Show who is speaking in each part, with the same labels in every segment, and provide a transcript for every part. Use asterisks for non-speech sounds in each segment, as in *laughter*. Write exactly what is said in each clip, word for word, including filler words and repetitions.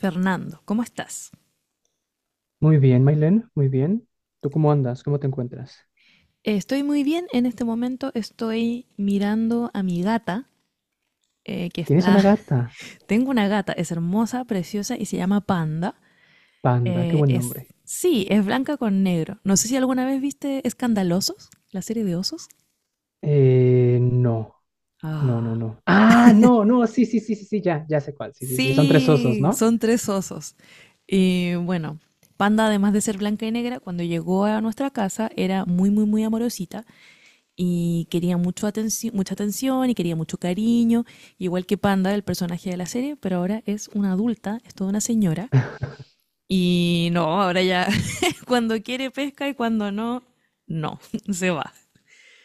Speaker 1: Fernando, ¿cómo estás?
Speaker 2: Muy bien, Mailén, muy bien. ¿Tú cómo andas? ¿Cómo te encuentras?
Speaker 1: Eh, Estoy muy bien en este momento, estoy mirando a mi gata, eh, que
Speaker 2: ¿Tienes
Speaker 1: está,
Speaker 2: una gata?
Speaker 1: *laughs* tengo una gata, es hermosa, preciosa y se llama Panda.
Speaker 2: Panda, qué
Speaker 1: Eh,
Speaker 2: buen
Speaker 1: es,
Speaker 2: nombre.
Speaker 1: sí, es blanca con negro. No sé si alguna vez viste Escandalosos, la serie de osos.
Speaker 2: Eh, no, no, no,
Speaker 1: Ah,
Speaker 2: no. Ah, no, no, sí, sí, sí, sí, sí, ya, ya sé cuál. Sí, sí, sí, son tres osos,
Speaker 1: sí,
Speaker 2: ¿no?
Speaker 1: son tres osos. Y bueno, Panda, además de ser blanca y negra, cuando llegó a nuestra casa era muy, muy, muy amorosita y quería mucho atenci- mucha atención y quería mucho cariño, igual que Panda, el personaje de la serie, pero ahora es una adulta, es toda una señora. Y no, ahora ya *laughs* cuando quiere pesca y cuando no, no, *laughs* se va.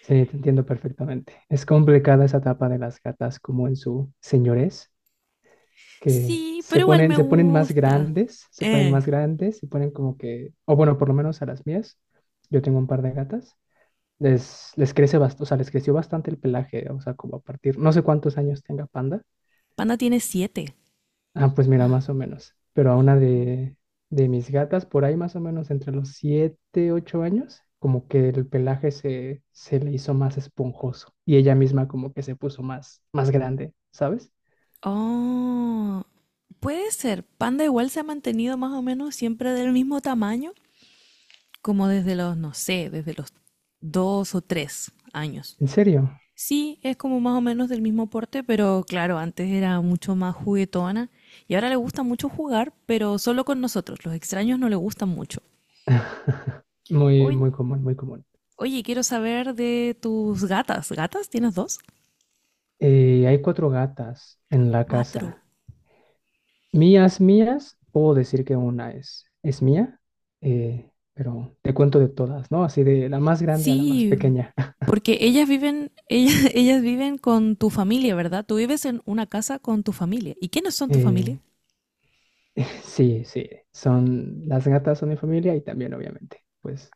Speaker 2: Sí, te entiendo perfectamente. Es complicada esa etapa de las gatas como en su señores, que
Speaker 1: Sí,
Speaker 2: se
Speaker 1: pero igual
Speaker 2: ponen,
Speaker 1: me
Speaker 2: se ponen más
Speaker 1: gusta.
Speaker 2: grandes, se ponen
Speaker 1: Eh,
Speaker 2: más grandes, se ponen como que, o bueno, por lo menos a las mías. Yo tengo un par de gatas les, les crece bastante, o sea, les creció bastante el pelaje, o sea, como a partir, no sé cuántos años tenga Panda.
Speaker 1: Panda tiene siete.
Speaker 2: Ah, pues mira, más o menos. Pero a una de, de mis gatas, por ahí más o menos entre los siete ocho años, como que el pelaje se, se le hizo más esponjoso y ella misma como que se puso más, más grande, ¿sabes?
Speaker 1: Oh, puede ser. Panda igual se ha mantenido más o menos siempre del mismo tamaño, como desde los, no sé, desde los dos o tres años.
Speaker 2: ¿En serio?
Speaker 1: Sí, es como más o menos del mismo porte, pero claro, antes era mucho más juguetona y ahora le gusta mucho jugar, pero solo con nosotros. Los extraños no le gustan mucho.
Speaker 2: *laughs* Muy,
Speaker 1: Oye,
Speaker 2: muy común, muy común.
Speaker 1: oye, quiero saber de tus gatas. ¿Gatas? ¿Tienes dos?
Speaker 2: Eh, hay cuatro gatas en la
Speaker 1: Cuatro.
Speaker 2: casa. Mías, mías, puedo decir que una es, es mía, eh, pero te cuento de todas, ¿no? Así de la más grande a la más
Speaker 1: Sí,
Speaker 2: pequeña. *laughs*
Speaker 1: porque ellas viven, ellas, *laughs* ellas viven con tu familia, ¿verdad? Tú vives en una casa con tu familia. ¿Y quiénes son tu
Speaker 2: Eh,
Speaker 1: familia?
Speaker 2: *laughs* sí, sí, son las gatas son mi familia y también obviamente, pues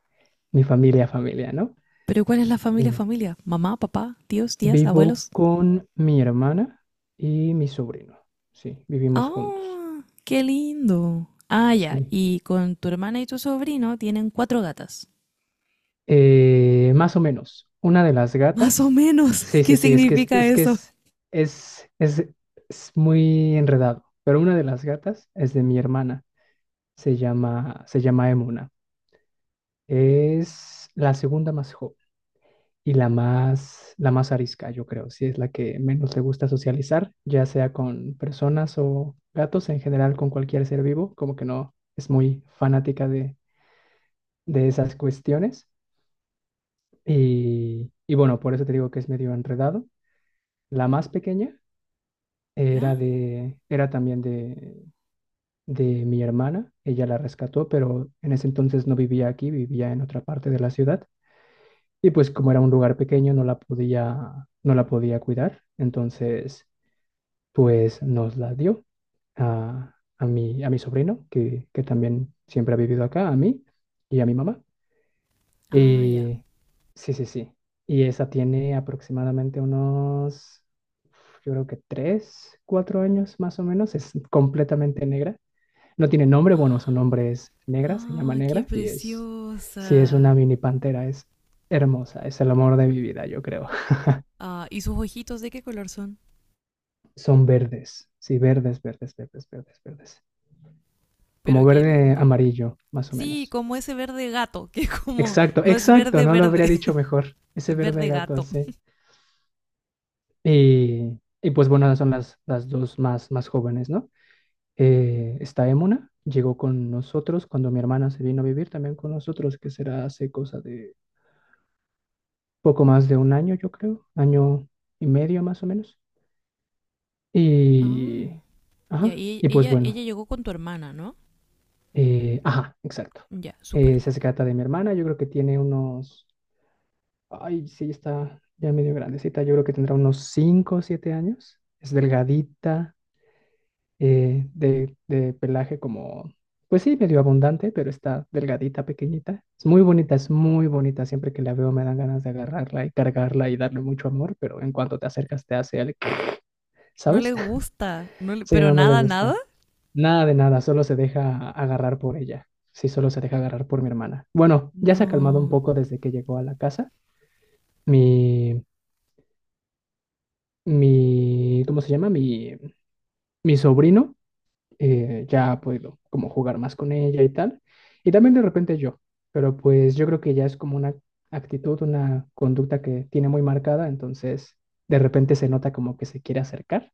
Speaker 2: mi familia, familia, ¿no?
Speaker 1: Pero ¿cuál es la familia
Speaker 2: Eh,
Speaker 1: familia? Mamá, papá, tíos, tías,
Speaker 2: Vivo
Speaker 1: abuelos.
Speaker 2: con mi hermana y mi sobrino, sí, vivimos juntos,
Speaker 1: Oh, qué lindo. Ah, ya.
Speaker 2: sí.
Speaker 1: Y con tu hermana y tu sobrino tienen cuatro gatas.
Speaker 2: Eh, más o menos. Una de las
Speaker 1: Más o
Speaker 2: gatas.
Speaker 1: menos, *laughs*
Speaker 2: Sí,
Speaker 1: ¿qué
Speaker 2: sí, sí, es que es,
Speaker 1: significa
Speaker 2: es que
Speaker 1: eso?
Speaker 2: es, es, es, es muy enredado. Pero una de las gatas es de mi hermana. Se llama, se llama Emuna. Es la segunda más joven y la más, la más arisca, yo creo. Sí, es la que menos le gusta socializar, ya sea con personas o gatos, en general con cualquier ser vivo, como que no es muy fanática de, de esas cuestiones. Y, y bueno, por eso te digo que es medio enredado. La más pequeña
Speaker 1: ¿Ya?
Speaker 2: era de, era también de, de mi hermana. Ella la rescató, pero en ese entonces no vivía aquí, vivía en otra parte de la ciudad. Y pues como era un lugar pequeño, no la podía, no la podía cuidar. Entonces, pues nos la dio a, a mi, a mi sobrino, que, que también siempre ha vivido acá, a mí y a mi mamá.
Speaker 1: Ah, ya.
Speaker 2: Y sí, sí, sí. Y esa tiene aproximadamente unos, yo creo que tres, cuatro años más o menos. Es completamente negra. No tiene nombre, bueno, su nombre es negra, se llama
Speaker 1: Ah, qué
Speaker 2: negra y es, sí, es una
Speaker 1: preciosa.
Speaker 2: mini pantera, es hermosa, es el amor de mi vida, yo creo.
Speaker 1: Ah, ¿y sus ojitos de qué color son?
Speaker 2: *laughs* Son verdes, sí, verdes, verdes, verdes, verdes, verdes.
Speaker 1: Pero
Speaker 2: Como
Speaker 1: qué
Speaker 2: verde
Speaker 1: lindo.
Speaker 2: amarillo, más o
Speaker 1: Sí,
Speaker 2: menos.
Speaker 1: como ese verde gato, *laughs* que como
Speaker 2: Exacto,
Speaker 1: no es
Speaker 2: exacto,
Speaker 1: verde
Speaker 2: no lo habría
Speaker 1: verde,
Speaker 2: dicho mejor.
Speaker 1: *laughs*
Speaker 2: Ese
Speaker 1: es
Speaker 2: verde
Speaker 1: verde
Speaker 2: gato,
Speaker 1: gato.
Speaker 2: sí. Y, y pues bueno, son las, las dos más, más jóvenes, ¿no? Eh, está Emuna, llegó con nosotros cuando mi hermana se vino a vivir también con nosotros, que será hace cosa de poco más de un año, yo creo, año y medio más o menos. Y,
Speaker 1: Ah, ya.
Speaker 2: ajá,
Speaker 1: Y
Speaker 2: y pues
Speaker 1: ella, ella
Speaker 2: bueno,
Speaker 1: llegó con tu hermana, ¿no?
Speaker 2: eh, ajá, exacto.
Speaker 1: Ya, súper.
Speaker 2: Eh, se trata de mi hermana, yo creo que tiene unos, ay, sí, está ya medio grandecita, yo creo que tendrá unos cinco o siete años, es delgadita eh, de, de pelaje como, pues sí, medio abundante, pero está delgadita, pequeñita. Es muy bonita, es muy bonita. Siempre que la veo me dan ganas de agarrarla y cargarla y darle mucho amor, pero en cuanto te acercas te hace el, *clears throat*
Speaker 1: No
Speaker 2: ¿sabes?
Speaker 1: le
Speaker 2: *laughs*
Speaker 1: gusta, no le-
Speaker 2: Sí,
Speaker 1: pero
Speaker 2: no, no le
Speaker 1: nada, nada.
Speaker 2: gusta. Nada de nada, solo se deja agarrar por ella. Sí, solo se deja agarrar por mi hermana. Bueno, ya se ha calmado un
Speaker 1: No.
Speaker 2: poco desde que llegó a la casa. Mi, mi, ¿Cómo se llama? Mi, mi sobrino eh, ya ha podido como jugar más con ella y tal. Y también de repente yo, pero pues yo creo que ya es como una actitud, una conducta que tiene muy marcada, entonces de repente se nota como que se quiere acercar,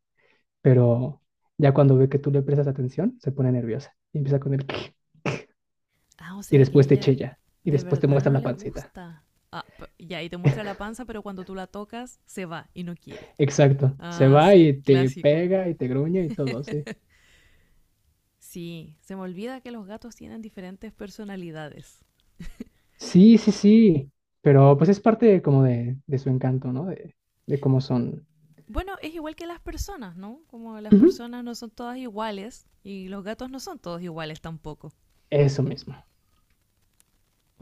Speaker 2: pero ya cuando ve que tú le prestas atención, se pone nerviosa y empieza con el *clears throat*
Speaker 1: Ah, o
Speaker 2: y
Speaker 1: sea que
Speaker 2: después te
Speaker 1: ella
Speaker 2: chilla y
Speaker 1: de
Speaker 2: después te
Speaker 1: verdad
Speaker 2: muestra
Speaker 1: no
Speaker 2: la
Speaker 1: le
Speaker 2: pancita.
Speaker 1: gusta. Ah, p- ya, y te muestra la panza, pero cuando tú la tocas, se va y no quiere.
Speaker 2: Exacto, se
Speaker 1: Ah,
Speaker 2: va
Speaker 1: sí,
Speaker 2: y te
Speaker 1: clásico.
Speaker 2: pega y te gruñe y todo, sí.
Speaker 1: Sí, se me olvida que los gatos tienen diferentes personalidades.
Speaker 2: Sí, sí, sí, pero pues es parte como de, de su encanto, ¿no? De, de cómo son.
Speaker 1: Bueno, es igual que las personas, ¿no? Como las
Speaker 2: Ujú.
Speaker 1: personas no son todas iguales y los gatos no son todos iguales tampoco.
Speaker 2: Eso mismo.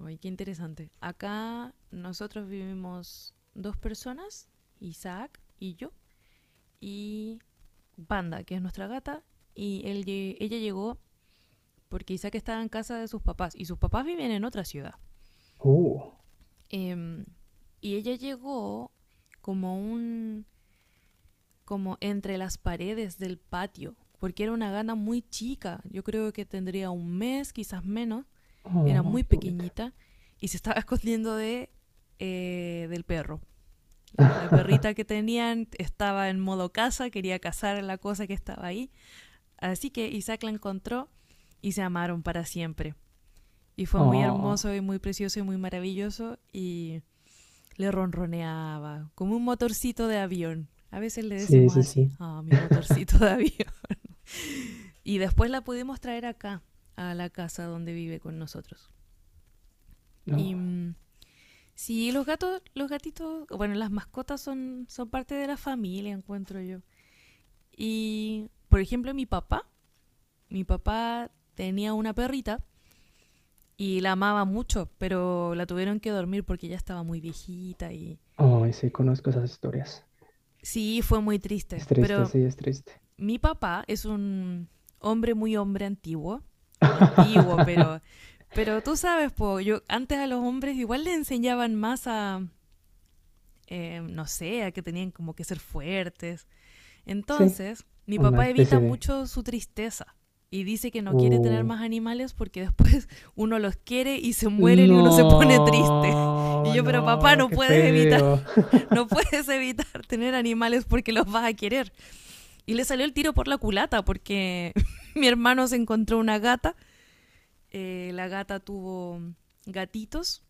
Speaker 1: Ay, qué interesante. Acá nosotros vivimos dos personas, Isaac y yo, y Banda, que es nuestra gata, y él lle- ella llegó porque Isaac estaba en casa de sus papás y sus papás viven en otra ciudad.
Speaker 2: Uh,
Speaker 1: Em, y ella llegó como un como entre las paredes del patio, porque era una gana muy chica, yo creo que tendría un mes, quizás menos, era
Speaker 2: oh,
Speaker 1: muy
Speaker 2: qué bonito.
Speaker 1: pequeñita y se estaba *laughs* escondiendo de eh, del perro. La, la perrita
Speaker 2: *laughs*
Speaker 1: que tenían estaba en modo caza, quería cazar la cosa que estaba ahí, así que Isaac la encontró y se amaron para siempre. Y fue muy
Speaker 2: Oh,
Speaker 1: hermoso y muy precioso y muy maravilloso y le ronroneaba como un motorcito de avión. A veces le
Speaker 2: sí,
Speaker 1: decimos
Speaker 2: sí,
Speaker 1: así,
Speaker 2: sí.
Speaker 1: ah, oh, mi
Speaker 2: *laughs*
Speaker 1: motorcito de avión. *laughs* Y después la pudimos traer acá, a la casa donde vive con nosotros.
Speaker 2: No.
Speaker 1: Y mm, sí, los gatos, los gatitos, bueno, las mascotas son, son parte de la familia, encuentro yo. Y, por ejemplo, mi papá, mi papá tenía una perrita y la amaba mucho, pero la tuvieron que dormir porque ya estaba muy viejita y
Speaker 2: Oh, sí, conozco esas historias.
Speaker 1: sí, fue muy triste.
Speaker 2: Es triste,
Speaker 1: Pero
Speaker 2: sí, es triste.
Speaker 1: mi papá es un hombre muy hombre antiguo. O no antiguo, pero.
Speaker 2: *laughs*
Speaker 1: Pero tú sabes, po, yo antes a los hombres igual le enseñaban más a. Eh, no sé, a que tenían como que ser fuertes.
Speaker 2: Sí,
Speaker 1: Entonces, mi
Speaker 2: una
Speaker 1: papá
Speaker 2: especie
Speaker 1: evita
Speaker 2: de.
Speaker 1: mucho su tristeza. Y dice que no quiere tener
Speaker 2: Uh,
Speaker 1: más animales porque después *laughs* uno los quiere y se mueren y uno se pone triste. *laughs* Y
Speaker 2: no,
Speaker 1: yo, pero papá,
Speaker 2: no,
Speaker 1: no
Speaker 2: qué
Speaker 1: puedes evitar,
Speaker 2: feo. *laughs*
Speaker 1: *laughs* no puedes evitar tener animales porque los vas a querer. Y le salió el tiro por la culata porque *laughs* mi hermano se encontró una gata, eh, la gata tuvo gatitos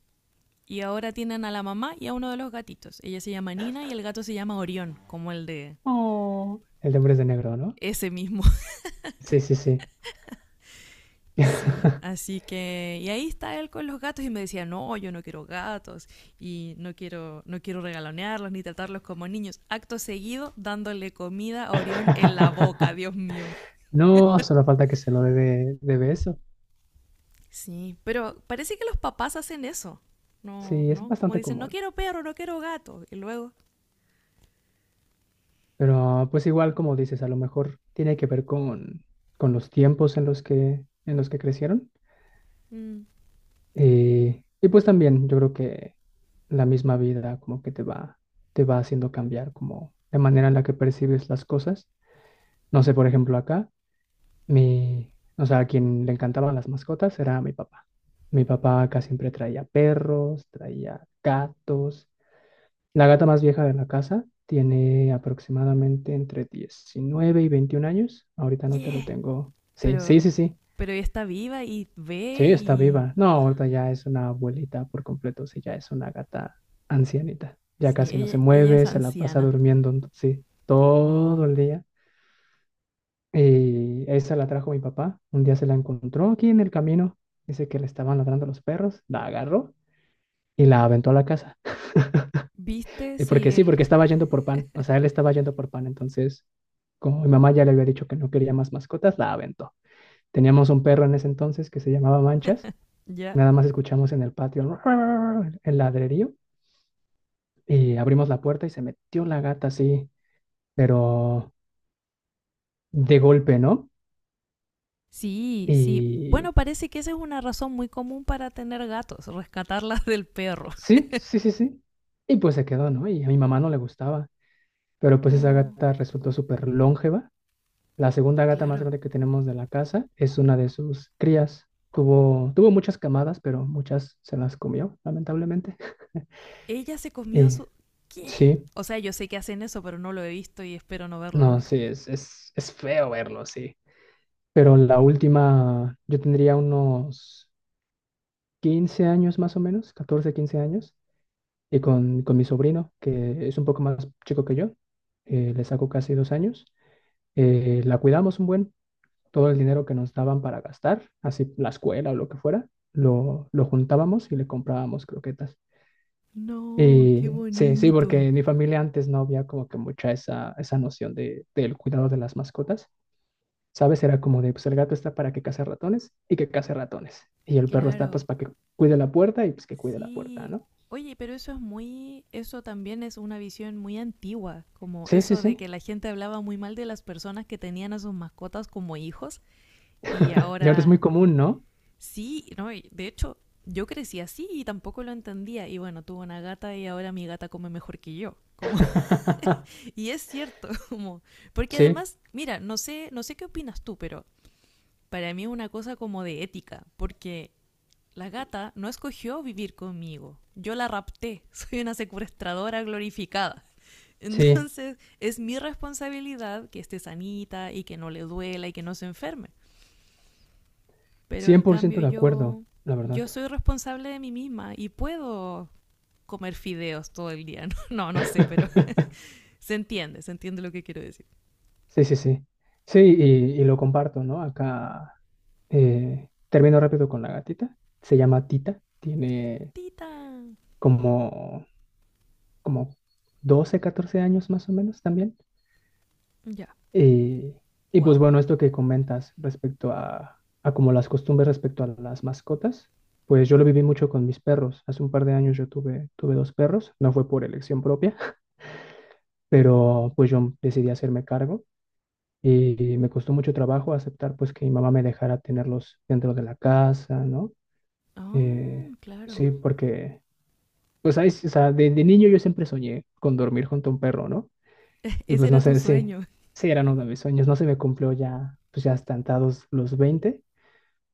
Speaker 1: y ahora tienen a la mamá y a uno de los gatitos. Ella se llama Nina y el gato se llama Orión, como el de
Speaker 2: Oh, el de Hombres de negro, ¿no?
Speaker 1: ese mismo. *laughs*
Speaker 2: Sí, sí, sí.
Speaker 1: Sí,
Speaker 2: *laughs*
Speaker 1: así que y ahí está él con los gatos y me decía, "No, yo no quiero gatos y no quiero no quiero regalonearlos ni tratarlos como niños." Acto seguido dándole comida a Orión en la boca,
Speaker 2: *laughs*
Speaker 1: Dios mío.
Speaker 2: No, solo falta que se lo dé de, de beso.
Speaker 1: Sí, pero parece que los papás hacen eso. No,
Speaker 2: Sí, es
Speaker 1: no, como
Speaker 2: bastante
Speaker 1: dicen, no
Speaker 2: común.
Speaker 1: quiero perro, no quiero gato. Y luego,
Speaker 2: Pero pues igual como dices, a lo mejor tiene que ver con, con los tiempos en los que, en los que crecieron.
Speaker 1: mm,
Speaker 2: Eh, y pues también yo creo que la misma vida como que te va, te va haciendo cambiar como la manera en la que percibes las cosas. No sé, por ejemplo, acá, mi, o sea, a quien le encantaban las mascotas era mi papá. Mi papá acá siempre traía perros, traía gatos. La gata más vieja de la casa tiene aproximadamente entre diecinueve y veintiún años. Ahorita no te lo
Speaker 1: yeah.
Speaker 2: tengo. Sí, sí,
Speaker 1: Pero,
Speaker 2: sí, sí.
Speaker 1: pero ella está viva y ve
Speaker 2: Sí, está
Speaker 1: y...
Speaker 2: viva. No, ahorita ya es una abuelita por completo. Sí, ya es una gata ancianita. Ya
Speaker 1: Sí,
Speaker 2: casi no se
Speaker 1: ella, ella es
Speaker 2: mueve, se la pasa
Speaker 1: anciana.
Speaker 2: durmiendo, sí, todo
Speaker 1: Oh.
Speaker 2: el día. Y esa la trajo mi papá. Un día se la encontró aquí en el camino. Dice que le estaban ladrando los perros. La agarró y la aventó a la casa. *laughs*
Speaker 1: ¿Viste
Speaker 2: Eh,
Speaker 1: si
Speaker 2: Porque sí,
Speaker 1: él...
Speaker 2: porque estaba
Speaker 1: *laughs*
Speaker 2: yendo por pan, o sea, él estaba yendo por pan, entonces, como mi mamá ya le había dicho que no quería más mascotas, la aventó. Teníamos un perro en ese entonces que se llamaba Manchas.
Speaker 1: ¿Ya?
Speaker 2: Nada más escuchamos en el patio *laughs* el ladrerío y abrimos la puerta y se metió la gata así, pero de golpe, ¿no?
Speaker 1: Sí, sí. Bueno,
Speaker 2: Y
Speaker 1: parece que esa es una razón muy común para tener gatos, rescatarlas *laughs* del perro.
Speaker 2: sí, sí, sí, sí. Y pues se quedó, ¿no? Y a mi mamá no le gustaba, pero pues esa
Speaker 1: Oh,
Speaker 2: gata resultó súper longeva. La segunda gata más
Speaker 1: claro.
Speaker 2: grande que tenemos de la casa es una de sus crías. Tuvo, tuvo muchas camadas, pero muchas se las comió, lamentablemente. *laughs*
Speaker 1: Ella se comió a
Speaker 2: Eh,
Speaker 1: su... ¿Qué?
Speaker 2: sí,
Speaker 1: O sea, yo sé que hacen eso, pero no lo he visto y espero no verlo
Speaker 2: no,
Speaker 1: nunca.
Speaker 2: sí, es, es, es feo verlo, sí. Pero la última, yo tendría unos quince años más o menos, catorce quince años, y con, con mi sobrino, que es un poco más chico que yo, eh, le saco casi dos años, eh, la cuidamos un buen. Todo el dinero que nos daban para gastar, así la escuela o lo que fuera, lo, lo juntábamos y le comprábamos croquetas.
Speaker 1: No, qué
Speaker 2: Y sí, sí, porque
Speaker 1: bonito.
Speaker 2: en mi familia antes no había como que mucha esa, esa noción de, del cuidado de las mascotas. ¿Sabes? Era como de, pues el gato está para que case ratones y que case ratones. Y el perro está pues
Speaker 1: Claro,
Speaker 2: para que cuide la puerta y pues que cuide la puerta,
Speaker 1: sí.
Speaker 2: ¿no?
Speaker 1: Oye, pero eso es muy, eso también es una visión muy antigua, como
Speaker 2: Sí, sí,
Speaker 1: eso de
Speaker 2: sí.
Speaker 1: que la gente hablaba muy mal de las personas que tenían a sus mascotas como hijos y
Speaker 2: Y ahora es
Speaker 1: ahora
Speaker 2: muy común, ¿no?
Speaker 1: sí, no, y de hecho yo crecí así y tampoco lo entendía y bueno, tuve una gata y ahora mi gata come mejor que yo, como *laughs*
Speaker 2: *laughs*
Speaker 1: y es cierto, *laughs* como porque
Speaker 2: Sí,
Speaker 1: además, mira, no sé, no sé qué opinas tú, pero para mí es una cosa como de ética, porque la gata no escogió vivir conmigo. Yo la rapté. *laughs* Soy una secuestradora glorificada.
Speaker 2: sí.
Speaker 1: Entonces es mi responsabilidad que esté sanita y que no le duela y que no se enferme. Pero
Speaker 2: cien
Speaker 1: en
Speaker 2: por
Speaker 1: cambio
Speaker 2: ciento de acuerdo,
Speaker 1: yo,
Speaker 2: la verdad.
Speaker 1: yo soy responsable de mí misma y puedo comer fideos todo el día. *laughs* No, no, no sé, pero
Speaker 2: *laughs*
Speaker 1: *laughs* se entiende, se entiende lo que quiero decir.
Speaker 2: Sí, sí, sí. Sí, y, y lo comparto, ¿no? Acá eh, termino rápido con la gatita. Se llama Tita. Tiene
Speaker 1: Tita.
Speaker 2: como, como doce catorce años más o menos también.
Speaker 1: Ya.
Speaker 2: Y, y pues
Speaker 1: Wow.
Speaker 2: bueno, esto que comentas respecto a, a como las costumbres respecto a las mascotas, pues yo lo viví mucho con mis perros. Hace un par de años yo tuve, tuve dos perros. No fue por elección propia, *laughs* pero pues yo decidí hacerme cargo. Y me costó mucho trabajo aceptar pues que mi mamá me dejara tenerlos dentro de la casa, ¿no?
Speaker 1: Ah,
Speaker 2: Eh,
Speaker 1: oh,
Speaker 2: sí,
Speaker 1: claro.
Speaker 2: porque pues ahí, sí, o sea, de, de niño yo siempre soñé con dormir junto a un perro, ¿no?
Speaker 1: *laughs*
Speaker 2: Y
Speaker 1: Ese
Speaker 2: pues no
Speaker 1: era tu
Speaker 2: sé, sí,
Speaker 1: sueño.
Speaker 2: sí eran uno de mis sueños, no se me cumplió ya, pues ya estantados los veinte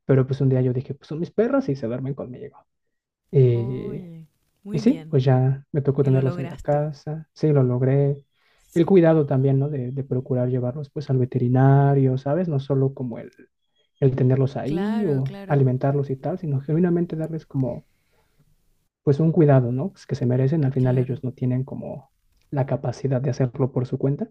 Speaker 2: pero pues un día yo dije, pues son mis perros y se duermen conmigo.
Speaker 1: *laughs*
Speaker 2: Y
Speaker 1: Oye.
Speaker 2: y
Speaker 1: Muy
Speaker 2: sí,
Speaker 1: bien.
Speaker 2: pues ya me tocó
Speaker 1: Y lo
Speaker 2: tenerlos en la
Speaker 1: lograste.
Speaker 2: casa, sí, lo logré. El
Speaker 1: Sí.
Speaker 2: cuidado también, ¿no? De, de procurar llevarlos pues al veterinario, ¿sabes? No solo como el, el tenerlos ahí
Speaker 1: Claro,
Speaker 2: o
Speaker 1: claro,
Speaker 2: alimentarlos y tal, sino genuinamente darles como pues un cuidado, ¿no? Pues que se merecen. Al final
Speaker 1: claro.
Speaker 2: ellos no tienen como la capacidad de hacerlo por su cuenta.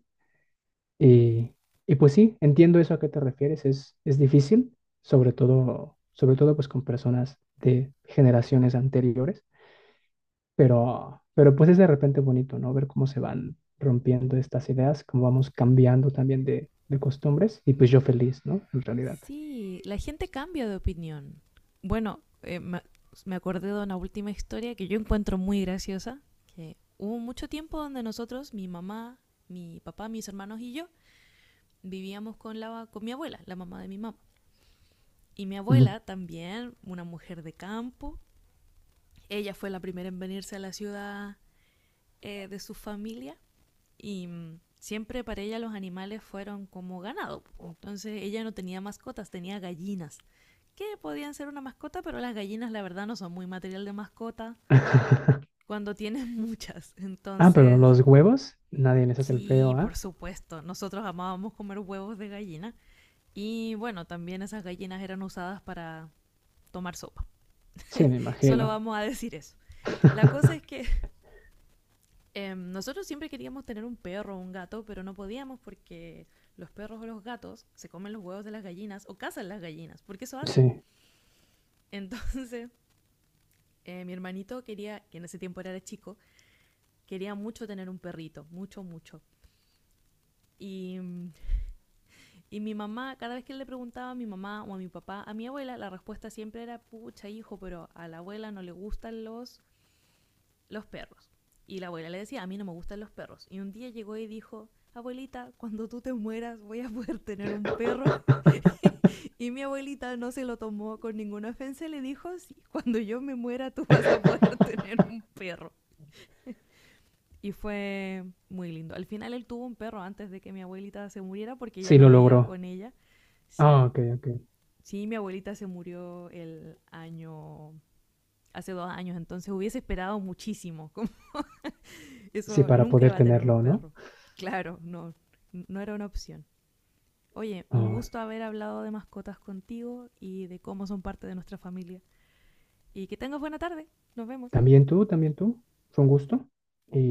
Speaker 2: Y, y pues sí, entiendo eso a qué te refieres. Es, es difícil, sobre todo, sobre todo pues con personas de generaciones anteriores pero, pero pues es de repente bonito, ¿no? Ver cómo se van rompiendo estas ideas, cómo vamos cambiando también de, de costumbres. Y pues yo feliz, ¿no? En realidad.
Speaker 1: Sí, la gente cambia de opinión. Bueno, eh, me, me acordé de una última historia que yo encuentro muy graciosa, que hubo mucho tiempo donde nosotros, mi mamá, mi papá, mis hermanos y yo, vivíamos con, la, con mi abuela, la mamá de mi mamá. Y mi
Speaker 2: Ujú.
Speaker 1: abuela también, una mujer de campo, ella fue la primera en venirse a la ciudad eh, de su familia y mm, siempre para ella los animales fueron como ganado. Entonces ella no tenía mascotas, tenía gallinas, que podían ser una mascota, pero las gallinas la verdad no son muy material de mascota
Speaker 2: *laughs*
Speaker 1: cuando tienes *laughs* muchas.
Speaker 2: Ah, pero
Speaker 1: Entonces,
Speaker 2: los huevos, nadie les hace el feo,
Speaker 1: sí, por
Speaker 2: ¿ah?
Speaker 1: supuesto, nosotros amábamos comer huevos de gallina y bueno, también esas gallinas eran usadas para tomar sopa.
Speaker 2: Sí, me
Speaker 1: Solo
Speaker 2: imagino.
Speaker 1: vamos a decir eso. La cosa es
Speaker 2: *laughs*
Speaker 1: que Em, nosotros siempre queríamos tener un perro o un gato, pero no podíamos porque los perros o los gatos se comen los huevos de las gallinas o cazan las gallinas, porque eso hacen.
Speaker 2: Sí.
Speaker 1: *laughs* Entonces, eh, mi hermanito quería, que en ese tiempo era chico, quería mucho tener un perrito, mucho, mucho. Y, mm, y mi mamá, cada vez que le preguntaba a mi mamá o a mi papá, a mi abuela, la respuesta siempre era, pucha hijo, pero a la abuela no le gustan los los perros. Y la abuela le decía, a mí no me gustan los perros. Y un día llegó y dijo, abuelita, cuando tú te mueras voy a poder tener un perro. *laughs* Y mi abuelita no se lo tomó con ninguna ofensa le dijo, sí, cuando yo me muera tú vas a poder *laughs* tener un perro. Y fue muy lindo. Al final él tuvo un perro antes de que mi abuelita se muriera porque ya
Speaker 2: Sí,
Speaker 1: no
Speaker 2: lo
Speaker 1: vivía
Speaker 2: logró.
Speaker 1: con ella. Sí.
Speaker 2: Ah, ok, ok.
Speaker 1: Sí, mi abuelita se murió el año, hace dos años, entonces hubiese esperado muchísimo.
Speaker 2: Sí,
Speaker 1: Eso
Speaker 2: para
Speaker 1: nunca
Speaker 2: poder
Speaker 1: iba a tener un
Speaker 2: tenerlo, ¿no?
Speaker 1: perro. Claro, no, no era una opción. Oye, un
Speaker 2: Ah,
Speaker 1: gusto haber hablado de mascotas contigo y de cómo son parte de nuestra familia. Y que tengas buena tarde. Nos vemos.
Speaker 2: también tú, también tú. Fue un gusto. Y